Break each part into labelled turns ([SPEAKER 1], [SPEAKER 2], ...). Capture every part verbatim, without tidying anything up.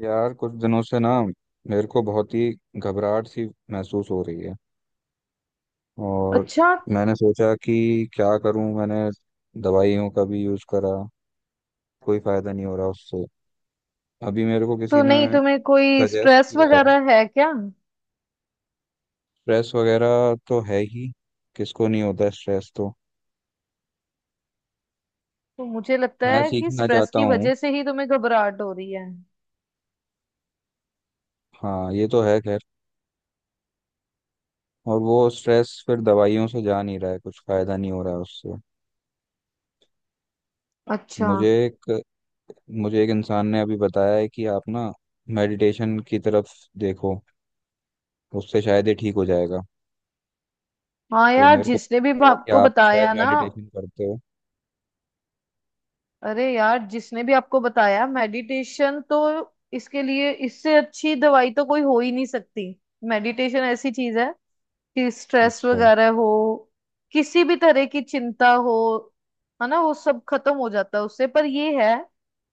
[SPEAKER 1] यार कुछ दिनों से ना मेरे को बहुत ही घबराहट सी महसूस हो रही है। और
[SPEAKER 2] अच्छा।
[SPEAKER 1] मैंने सोचा कि क्या करूं। मैंने दवाइयों का भी यूज़ करा, कोई फ़ायदा नहीं हो रहा उससे। अभी मेरे को किसी
[SPEAKER 2] तो
[SPEAKER 1] ने
[SPEAKER 2] नहीं तुम्हें कोई
[SPEAKER 1] सजेस्ट
[SPEAKER 2] स्ट्रेस
[SPEAKER 1] किया है।
[SPEAKER 2] वगैरह है क्या?
[SPEAKER 1] स्ट्रेस वगैरह तो है ही, किसको नहीं होता है स्ट्रेस, तो
[SPEAKER 2] तो मुझे लगता
[SPEAKER 1] मैं
[SPEAKER 2] है कि
[SPEAKER 1] सीखना
[SPEAKER 2] स्ट्रेस
[SPEAKER 1] चाहता
[SPEAKER 2] की
[SPEAKER 1] हूँ।
[SPEAKER 2] वजह से ही तुम्हें घबराहट हो रही है।
[SPEAKER 1] हाँ ये तो है खैर, और वो स्ट्रेस फिर दवाइयों से जा नहीं रहा है, कुछ फ़ायदा नहीं हो रहा है उससे।
[SPEAKER 2] अच्छा।
[SPEAKER 1] मुझे एक मुझे एक इंसान ने अभी बताया है कि आप ना मेडिटेशन की तरफ देखो, उससे शायद ये ठीक हो जाएगा।
[SPEAKER 2] हाँ
[SPEAKER 1] तो
[SPEAKER 2] यार,
[SPEAKER 1] मेरे को
[SPEAKER 2] जिसने भी
[SPEAKER 1] लगा कि
[SPEAKER 2] आपको
[SPEAKER 1] आप शायद
[SPEAKER 2] बताया ना,
[SPEAKER 1] मेडिटेशन करते हो।
[SPEAKER 2] अरे यार जिसने भी आपको बताया मेडिटेशन, तो इसके लिए इससे अच्छी दवाई तो कोई हो ही नहीं सकती। मेडिटेशन ऐसी चीज है कि स्ट्रेस
[SPEAKER 1] अच्छा,
[SPEAKER 2] वगैरह हो, किसी भी तरह की चिंता हो, है ना, वो सब खत्म हो जाता है उससे। पर ये है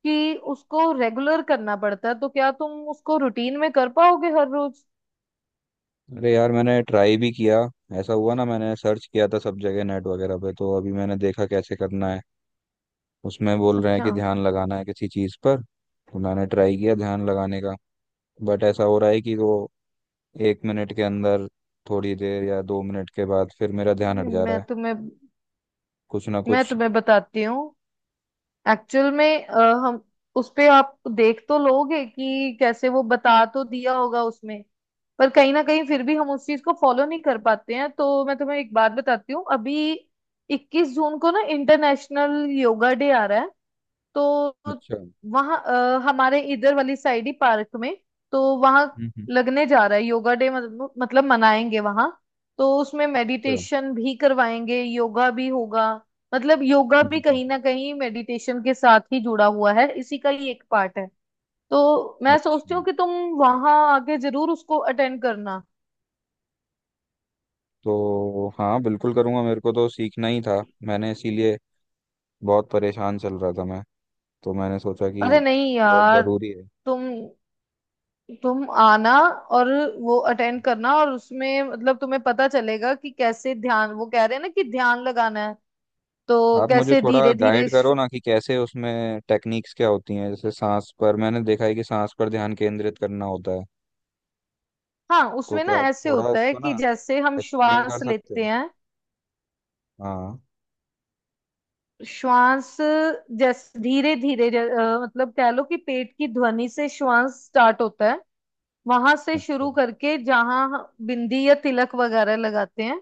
[SPEAKER 2] कि उसको रेगुलर करना पड़ता है। तो क्या तुम उसको रूटीन में कर पाओगे हर रोज?
[SPEAKER 1] अरे यार मैंने ट्राई भी किया। ऐसा हुआ ना, मैंने सर्च किया था सब जगह नेट वगैरह पे, तो अभी मैंने देखा कैसे करना है। उसमें बोल रहे हैं
[SPEAKER 2] अच्छा।
[SPEAKER 1] कि ध्यान लगाना है किसी चीज़ पर, तो मैंने ट्राई किया ध्यान लगाने का। बट ऐसा हो रहा है कि वो एक मिनट के अंदर, थोड़ी देर या दो मिनट के बाद फिर मेरा ध्यान हट जा रहा
[SPEAKER 2] मैं
[SPEAKER 1] है
[SPEAKER 2] तुम्हें
[SPEAKER 1] कुछ ना
[SPEAKER 2] मैं
[SPEAKER 1] कुछ।
[SPEAKER 2] तुम्हें बताती हूँ। एक्चुअल में अ, हम उस पे आप देख तो लोगे कि कैसे वो बता तो दिया होगा उसमें। पर कहीं ना कहीं फिर भी हम उस चीज को फॉलो नहीं कर पाते हैं। तो मैं तुम्हें एक बात बताती हूँ। अभी इक्कीस जून को ना इंटरनेशनल योगा डे आ रहा है। तो
[SPEAKER 1] अच्छा। हम्म।
[SPEAKER 2] वहाँ अ, हमारे इधर वाली साइड ही पार्क में, तो वहाँ
[SPEAKER 1] हम्म।
[SPEAKER 2] लगने जा रहा है योगा डे, मतलब मतलब मनाएंगे वहाँ। तो उसमें
[SPEAKER 1] अच्छा।
[SPEAKER 2] मेडिटेशन भी करवाएंगे, योगा भी होगा। मतलब योगा
[SPEAKER 1] हम्म,
[SPEAKER 2] भी
[SPEAKER 1] हम्म, हम्म।
[SPEAKER 2] कहीं ना कहीं मेडिटेशन के साथ ही जुड़ा हुआ है, इसी का ही एक पार्ट है। तो मैं सोचती
[SPEAKER 1] अच्छा।
[SPEAKER 2] हूँ कि तुम वहाँ आके जरूर उसको अटेंड करना।
[SPEAKER 1] तो हाँ बिल्कुल करूँगा, मेरे को तो सीखना ही था, मैंने इसीलिए बहुत परेशान चल रहा था, मैं तो मैंने सोचा कि
[SPEAKER 2] अरे नहीं
[SPEAKER 1] बहुत
[SPEAKER 2] यार,
[SPEAKER 1] ज़रूरी है।
[SPEAKER 2] तुम तुम आना और वो अटेंड करना। और उसमें मतलब तुम्हें पता चलेगा कि कैसे ध्यान, वो कह रहे हैं ना कि ध्यान लगाना है, तो
[SPEAKER 1] आप मुझे
[SPEAKER 2] कैसे
[SPEAKER 1] थोड़ा
[SPEAKER 2] धीरे धीरे।
[SPEAKER 1] गाइड करो ना कि कैसे उसमें टेक्निक्स क्या होती हैं, जैसे सांस पर मैंने देखा है कि सांस पर ध्यान केंद्रित करना होता है,
[SPEAKER 2] हाँ,
[SPEAKER 1] तो
[SPEAKER 2] उसमें ना
[SPEAKER 1] क्या आप
[SPEAKER 2] ऐसे
[SPEAKER 1] थोड़ा
[SPEAKER 2] होता है
[SPEAKER 1] उसको
[SPEAKER 2] कि
[SPEAKER 1] ना
[SPEAKER 2] जैसे हम
[SPEAKER 1] एक्सप्लेन
[SPEAKER 2] श्वास
[SPEAKER 1] कर सकते
[SPEAKER 2] लेते
[SPEAKER 1] हो।
[SPEAKER 2] हैं,
[SPEAKER 1] हाँ।
[SPEAKER 2] श्वास जैसे धीरे धीरे, मतलब कह लो कि पेट की ध्वनि से श्वास स्टार्ट होता है। वहां से
[SPEAKER 1] अच्छा।
[SPEAKER 2] शुरू करके जहां बिंदी या तिलक वगैरह लगाते हैं,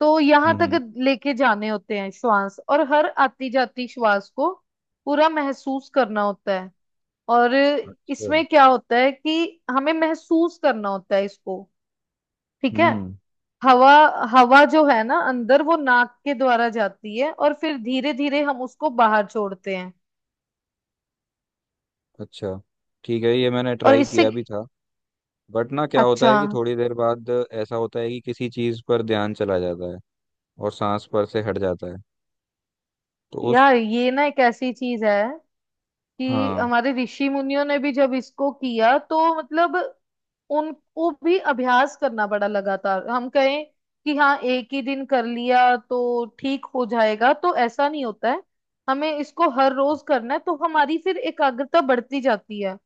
[SPEAKER 2] तो
[SPEAKER 1] हम्म
[SPEAKER 2] यहाँ तक
[SPEAKER 1] हम्म।
[SPEAKER 2] लेके जाने होते हैं श्वास, और हर आती जाती श्वास को पूरा महसूस करना होता है। और
[SPEAKER 1] अच्छा।
[SPEAKER 2] इसमें क्या होता है कि हमें महसूस करना होता है इसको। ठीक है।
[SPEAKER 1] हम्म।
[SPEAKER 2] हवा, हवा जो है ना अंदर, वो नाक के द्वारा जाती है और फिर धीरे धीरे हम उसको बाहर छोड़ते हैं।
[SPEAKER 1] अच्छा ठीक है, ये मैंने
[SPEAKER 2] और
[SPEAKER 1] ट्राई
[SPEAKER 2] इससे
[SPEAKER 1] किया भी था। बट ना क्या होता
[SPEAKER 2] अच्छा।
[SPEAKER 1] है कि थोड़ी देर बाद ऐसा होता है कि किसी चीज पर ध्यान चला जाता है और सांस पर से हट जाता है, तो उस।
[SPEAKER 2] यार ये ना एक ऐसी चीज है कि
[SPEAKER 1] हाँ।
[SPEAKER 2] हमारे ऋषि मुनियों ने भी जब इसको किया, तो मतलब उनको भी अभ्यास करना पड़ा लगातार। हम कहें कि हाँ एक ही दिन कर लिया तो ठीक हो जाएगा, तो ऐसा नहीं होता है। हमें इसको हर रोज करना है, तो हमारी फिर एकाग्रता बढ़ती जाती है।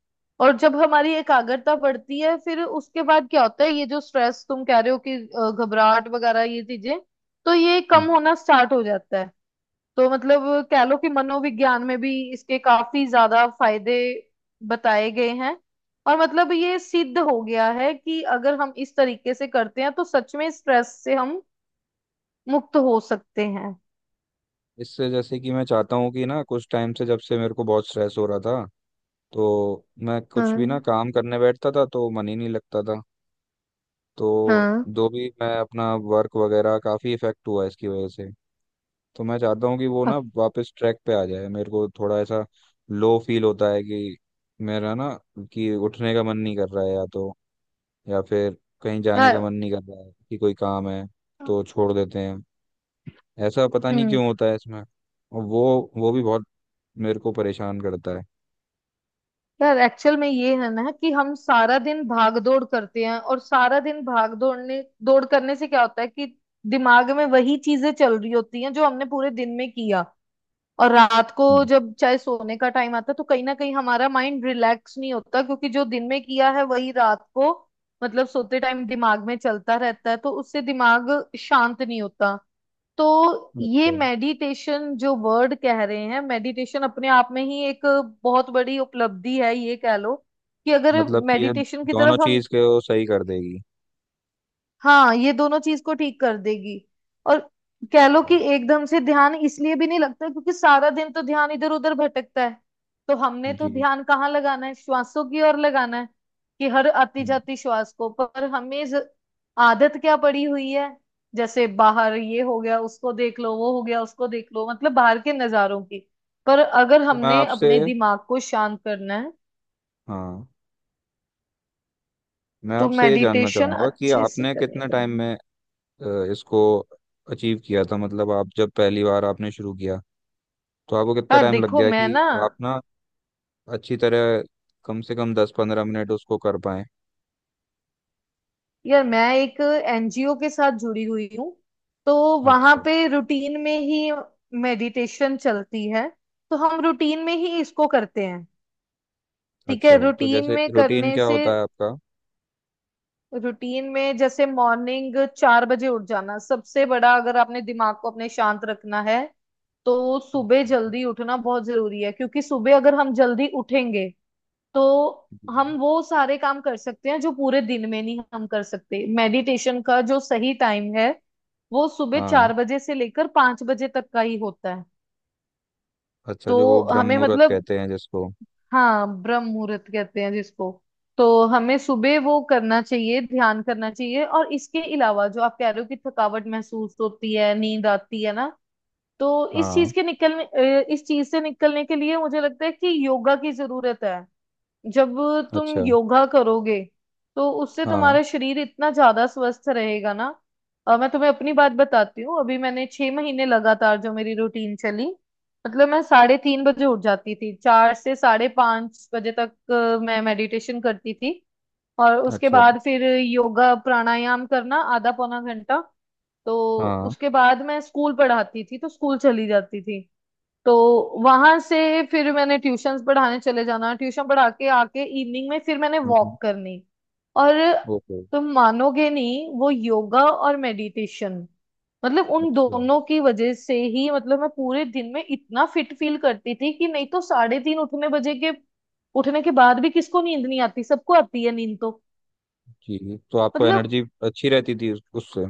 [SPEAKER 2] और जब हमारी एकाग्रता बढ़ती है, फिर उसके बाद क्या होता है, ये जो स्ट्रेस तुम कह रहे हो कि अ, घबराहट वगैरह ये चीजें, तो ये
[SPEAKER 1] हम्म।
[SPEAKER 2] कम होना स्टार्ट हो जाता है। तो मतलब कह लो कि मनोविज्ञान में भी इसके काफी ज्यादा फायदे बताए गए हैं। और मतलब ये सिद्ध हो गया है कि अगर हम इस तरीके से करते हैं तो सच में स्ट्रेस से हम मुक्त हो सकते हैं।
[SPEAKER 1] इससे जैसे कि मैं चाहता हूँ कि ना, कुछ टाइम से जब से मेरे को बहुत स्ट्रेस हो रहा था, तो मैं कुछ भी ना
[SPEAKER 2] हाँ।
[SPEAKER 1] काम करने बैठता था तो मन ही नहीं लगता था। तो
[SPEAKER 2] हाँ।
[SPEAKER 1] जो भी मैं अपना वर्क वगैरह, काफी इफेक्ट हुआ इसकी वजह से। तो मैं चाहता हूँ कि वो ना
[SPEAKER 2] अ-
[SPEAKER 1] वापस ट्रैक पे आ जाए। मेरे को थोड़ा ऐसा लो फील होता है कि मेरा ना, कि उठने का मन नहीं कर रहा है या तो, या फिर कहीं जाने का
[SPEAKER 2] यार।
[SPEAKER 1] मन नहीं कर रहा है, कि कोई काम है तो छोड़ देते हैं। ऐसा पता नहीं
[SPEAKER 2] हम्म।
[SPEAKER 1] क्यों होता है इसमें, और वो वो भी बहुत मेरे को परेशान करता है।
[SPEAKER 2] यार एक्चुअल में ये है ना कि हम सारा दिन भाग दौड़ करते हैं, और सारा दिन भाग दौड़ने दौड़ करने से क्या होता है कि दिमाग में वही चीजें चल रही होती हैं जो हमने पूरे दिन में किया। और रात को
[SPEAKER 1] हम्म।
[SPEAKER 2] जब चाहे सोने का टाइम आता है, तो कहीं ना कहीं हमारा माइंड रिलैक्स नहीं होता, क्योंकि जो दिन में किया है वही रात को, मतलब सोते टाइम दिमाग में चलता रहता है, तो उससे दिमाग शांत नहीं होता। तो ये
[SPEAKER 1] अच्छा,
[SPEAKER 2] मेडिटेशन जो वर्ड कह रहे हैं, मेडिटेशन अपने आप में ही एक बहुत बड़ी उपलब्धि है, ये कह लो। कि अगर
[SPEAKER 1] मतलब कि ये
[SPEAKER 2] मेडिटेशन की
[SPEAKER 1] दोनों
[SPEAKER 2] तरफ हम,
[SPEAKER 1] चीज़ के वो सही कर देगी।
[SPEAKER 2] हाँ ये दोनों चीज को ठीक कर देगी। और कह लो कि एकदम से ध्यान इसलिए भी नहीं लगता क्योंकि सारा दिन तो ध्यान इधर उधर भटकता है। तो हमने तो
[SPEAKER 1] जी।
[SPEAKER 2] ध्यान कहाँ लगाना है, श्वासों की ओर लगाना है, कि हर आती
[SPEAKER 1] हम्म।
[SPEAKER 2] जाती श्वास को। पर हमें ज- आदत क्या पड़ी हुई है, जैसे बाहर ये हो गया उसको देख लो, वो हो गया उसको देख लो, मतलब बाहर के नजारों की। पर अगर
[SPEAKER 1] तो मैं
[SPEAKER 2] हमने
[SPEAKER 1] आपसे,
[SPEAKER 2] अपने दिमाग को शांत करना है
[SPEAKER 1] हाँ, मैं
[SPEAKER 2] तो
[SPEAKER 1] आपसे ये जानना
[SPEAKER 2] मेडिटेशन
[SPEAKER 1] चाहूंगा कि
[SPEAKER 2] अच्छे से
[SPEAKER 1] आपने
[SPEAKER 2] करनी
[SPEAKER 1] कितने टाइम
[SPEAKER 2] पड़ेगी।
[SPEAKER 1] में अ, इसको अचीव किया था, मतलब आप जब पहली बार आपने शुरू किया तो आपको कितना
[SPEAKER 2] यार
[SPEAKER 1] टाइम लग
[SPEAKER 2] देखो
[SPEAKER 1] गया
[SPEAKER 2] मैं
[SPEAKER 1] कि
[SPEAKER 2] ना,
[SPEAKER 1] आप ना अच्छी तरह कम से कम दस पंद्रह मिनट उसको कर पाए।
[SPEAKER 2] यार मैं एक एनजीओ के साथ जुड़ी हुई हूँ, तो वहां
[SPEAKER 1] अच्छा।
[SPEAKER 2] पे रूटीन में ही मेडिटेशन चलती है। तो हम रूटीन में ही इसको करते हैं। ठीक
[SPEAKER 1] अच्छा
[SPEAKER 2] है।
[SPEAKER 1] तो
[SPEAKER 2] रूटीन
[SPEAKER 1] जैसे
[SPEAKER 2] में
[SPEAKER 1] रूटीन
[SPEAKER 2] करने
[SPEAKER 1] क्या
[SPEAKER 2] से,
[SPEAKER 1] होता है आपका।
[SPEAKER 2] रूटीन में जैसे मॉर्निंग चार बजे उठ जाना सबसे बड़ा, अगर आपने दिमाग को अपने शांत रखना है तो सुबह
[SPEAKER 1] अच्छा।
[SPEAKER 2] जल्दी उठना बहुत जरूरी है, क्योंकि सुबह अगर हम जल्दी उठेंगे तो हम
[SPEAKER 1] हम्म।
[SPEAKER 2] वो सारे काम कर सकते हैं जो पूरे दिन में नहीं हम कर सकते। मेडिटेशन का जो सही टाइम है, वो सुबह
[SPEAKER 1] हाँ,
[SPEAKER 2] चार बजे से लेकर पांच बजे तक का ही होता है।
[SPEAKER 1] अच्छा
[SPEAKER 2] तो
[SPEAKER 1] जो वो ब्रह्म
[SPEAKER 2] हमें
[SPEAKER 1] मुहूर्त
[SPEAKER 2] मतलब,
[SPEAKER 1] कहते हैं जिसको।
[SPEAKER 2] हाँ ब्रह्म मुहूर्त कहते हैं जिसको। तो हमें सुबह वो करना चाहिए, ध्यान करना चाहिए। और इसके अलावा जो आप कह रहे हो कि थकावट महसूस होती है, नींद आती है ना, तो इस
[SPEAKER 1] हाँ।
[SPEAKER 2] चीज के निकलने, अ, इस चीज से निकलने के लिए मुझे लगता है कि योगा की जरूरत है। जब तुम
[SPEAKER 1] अच्छा।
[SPEAKER 2] योगा करोगे, तो उससे
[SPEAKER 1] हाँ।
[SPEAKER 2] तुम्हारा शरीर इतना ज्यादा स्वस्थ रहेगा ना। अ, मैं तुम्हें अपनी बात बताती हूँ, अभी मैंने छह महीने लगातार जो मेरी रूटीन चली, मतलब मैं साढ़े तीन बजे उठ जाती थी, चार से साढ़े पांच बजे तक अ, मैं मेडिटेशन करती थी, और उसके
[SPEAKER 1] अच्छा।
[SPEAKER 2] बाद फिर योगा प्राणायाम करना आधा पौना घंटा। तो
[SPEAKER 1] हाँ।
[SPEAKER 2] उसके बाद मैं स्कूल पढ़ाती थी, तो स्कूल चली जाती थी। तो वहां से फिर मैंने ट्यूशंस पढ़ाने चले जाना, ट्यूशन पढ़ा के आके इवनिंग में फिर मैंने
[SPEAKER 1] हम्म,
[SPEAKER 2] वॉक करनी। और
[SPEAKER 1] ओके।
[SPEAKER 2] तुम मानोगे नहीं, वो योगा और मेडिटेशन, मतलब उन
[SPEAKER 1] अच्छा,
[SPEAKER 2] दोनों की वजह से ही, मतलब मैं पूरे दिन में इतना फिट फील करती थी कि नहीं तो साढ़े तीन उठने बजे के, उठने के बाद भी किसको नींद नहीं आती, सबको आती है नींद। तो
[SPEAKER 1] जी तो आपको
[SPEAKER 2] मतलब
[SPEAKER 1] एनर्जी अच्छी रहती थी उस- उससे।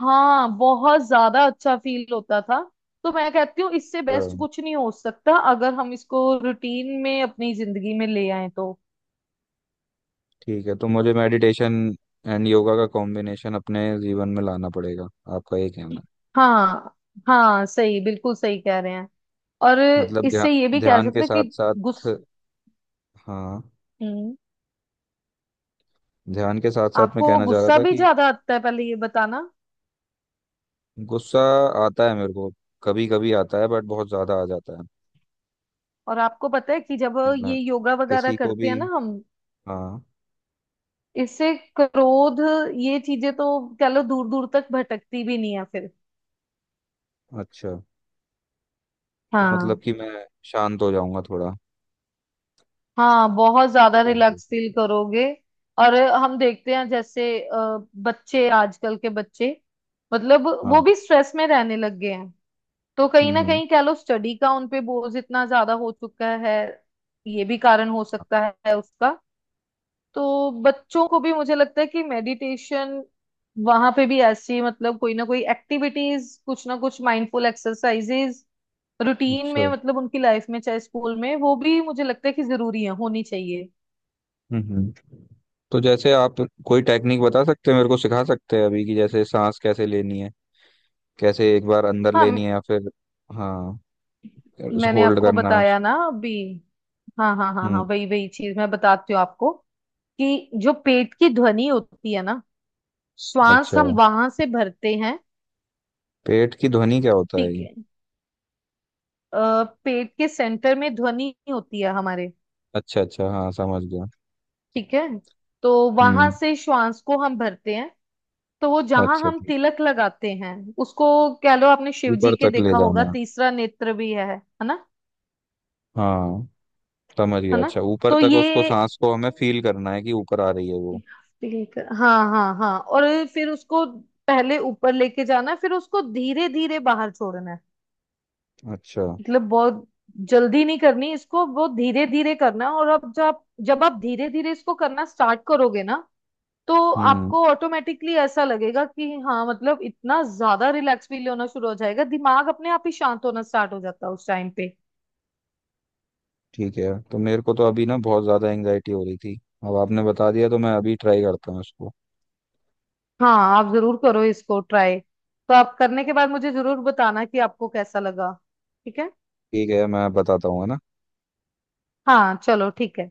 [SPEAKER 2] हाँ बहुत ज्यादा अच्छा फील होता था। तो मैं कहती हूँ इससे बेस्ट
[SPEAKER 1] हाँ,
[SPEAKER 2] कुछ नहीं हो सकता अगर हम इसको रूटीन में अपनी जिंदगी में ले आए तो।
[SPEAKER 1] ठीक है तो मुझे मेडिटेशन एंड योगा का कॉम्बिनेशन अपने जीवन में लाना पड़ेगा, आपका ये कहना।
[SPEAKER 2] हाँ। हाँ, सही बिल्कुल सही कह रहे हैं। और
[SPEAKER 1] मतलब ध्यान
[SPEAKER 2] इससे ये भी कह
[SPEAKER 1] ध्यान के
[SPEAKER 2] सकते हैं
[SPEAKER 1] साथ
[SPEAKER 2] कि
[SPEAKER 1] साथ,
[SPEAKER 2] गुस्स,
[SPEAKER 1] हाँ,
[SPEAKER 2] हम्म,
[SPEAKER 1] ध्यान के साथ साथ मैं
[SPEAKER 2] आपको
[SPEAKER 1] कहना चाह रहा
[SPEAKER 2] गुस्सा
[SPEAKER 1] था
[SPEAKER 2] भी
[SPEAKER 1] कि
[SPEAKER 2] ज्यादा आता है पहले ये बताना।
[SPEAKER 1] गुस्सा आता है मेरे को, कभी कभी आता है बट बहुत ज्यादा आ जाता है।
[SPEAKER 2] और आपको पता है कि जब
[SPEAKER 1] मैं
[SPEAKER 2] ये योगा वगैरह
[SPEAKER 1] किसी को
[SPEAKER 2] करते हैं
[SPEAKER 1] भी,
[SPEAKER 2] ना हम,
[SPEAKER 1] हाँ।
[SPEAKER 2] इससे क्रोध ये चीजें तो, कह लो दूर दूर तक भटकती भी नहीं है फिर।
[SPEAKER 1] अच्छा, तो मतलब
[SPEAKER 2] हाँ।
[SPEAKER 1] कि मैं शांत हो जाऊंगा थोड़ा।
[SPEAKER 2] हाँ बहुत ज्यादा रिलैक्स फील करोगे। और हम देखते हैं जैसे अ, बच्चे, आजकल के बच्चे, मतलब वो
[SPEAKER 1] हाँ।
[SPEAKER 2] भी स्ट्रेस में रहने लग गए हैं। तो कहीं
[SPEAKER 1] हम्म
[SPEAKER 2] ना
[SPEAKER 1] हम्म।
[SPEAKER 2] कहीं कह लो स्टडी का उन पे बोझ इतना ज्यादा हो चुका है, ये भी कारण हो सकता है उसका। तो बच्चों को भी मुझे लगता है कि मेडिटेशन, वहां पे भी ऐसी मतलब कोई ना कोई एक्टिविटीज, कुछ ना कुछ माइंडफुल एक्सरसाइजेज रूटीन में,
[SPEAKER 1] अच्छा।
[SPEAKER 2] मतलब उनकी लाइफ में चाहे स्कूल में, वो भी मुझे लगता है कि जरूरी है, होनी चाहिए।
[SPEAKER 1] हम्म हम्म। तो जैसे आप कोई टेक्निक बता सकते हैं, मेरे को सिखा सकते हैं अभी, कि जैसे सांस कैसे लेनी है, कैसे एक बार अंदर
[SPEAKER 2] हाँ
[SPEAKER 1] लेनी है या फिर, हाँ,
[SPEAKER 2] मैंने
[SPEAKER 1] होल्ड
[SPEAKER 2] आपको
[SPEAKER 1] करना है
[SPEAKER 2] बताया
[SPEAKER 1] उसको।
[SPEAKER 2] ना अभी। हाँ हाँ हाँ हाँ
[SPEAKER 1] हम्म।
[SPEAKER 2] वही वही चीज मैं बताती हूँ आपको, कि जो पेट की ध्वनि होती है ना, श्वास
[SPEAKER 1] अच्छा,
[SPEAKER 2] हम वहां से भरते हैं।
[SPEAKER 1] पेट की ध्वनि क्या होता है
[SPEAKER 2] ठीक
[SPEAKER 1] ये।
[SPEAKER 2] है। अ, पेट के सेंटर में ध्वनि होती है हमारे।
[SPEAKER 1] अच्छा अच्छा, हाँ समझ गया।
[SPEAKER 2] ठीक है। तो वहां
[SPEAKER 1] हम्म।
[SPEAKER 2] से श्वास को हम भरते हैं। तो वो जहां
[SPEAKER 1] अच्छा
[SPEAKER 2] हम
[SPEAKER 1] ठीक।
[SPEAKER 2] तिलक लगाते हैं उसको, कह लो आपने शिव जी
[SPEAKER 1] ऊपर
[SPEAKER 2] के
[SPEAKER 1] तक ले
[SPEAKER 2] देखा होगा
[SPEAKER 1] जाना,
[SPEAKER 2] तीसरा नेत्र भी है है ना,
[SPEAKER 1] हाँ, समझ
[SPEAKER 2] है
[SPEAKER 1] गया।
[SPEAKER 2] ना?
[SPEAKER 1] अच्छा, ऊपर
[SPEAKER 2] तो
[SPEAKER 1] तक
[SPEAKER 2] ये
[SPEAKER 1] उसको सांस को हमें फील करना है कि ऊपर आ रही है वो।
[SPEAKER 2] पिंक, हाँ हाँ हाँ, और फिर उसको पहले ऊपर लेके जाना है, फिर उसको धीरे धीरे बाहर छोड़ना है।
[SPEAKER 1] अच्छा।
[SPEAKER 2] मतलब बहुत जल्दी नहीं करनी इसको, बहुत धीरे धीरे करना है। और अब जब जब आप धीरे धीरे इसको करना स्टार्ट करोगे ना, तो
[SPEAKER 1] हम्म।
[SPEAKER 2] आपको ऑटोमेटिकली ऐसा लगेगा कि हाँ मतलब इतना ज्यादा रिलैक्स फील होना शुरू हो जाएगा, दिमाग अपने आप ही शांत होना स्टार्ट हो जाता है उस टाइम पे।
[SPEAKER 1] ठीक है, तो मेरे को तो अभी ना बहुत ज्यादा एंजाइटी हो रही थी, अब आपने बता दिया तो मैं अभी ट्राई करता हूँ उसको।
[SPEAKER 2] हाँ आप जरूर करो इसको ट्राई, तो आप करने के बाद मुझे जरूर बताना कि आपको कैसा लगा। ठीक है?
[SPEAKER 1] ठीक है, मैं बताता हूँ है ना।
[SPEAKER 2] हाँ चलो ठीक है।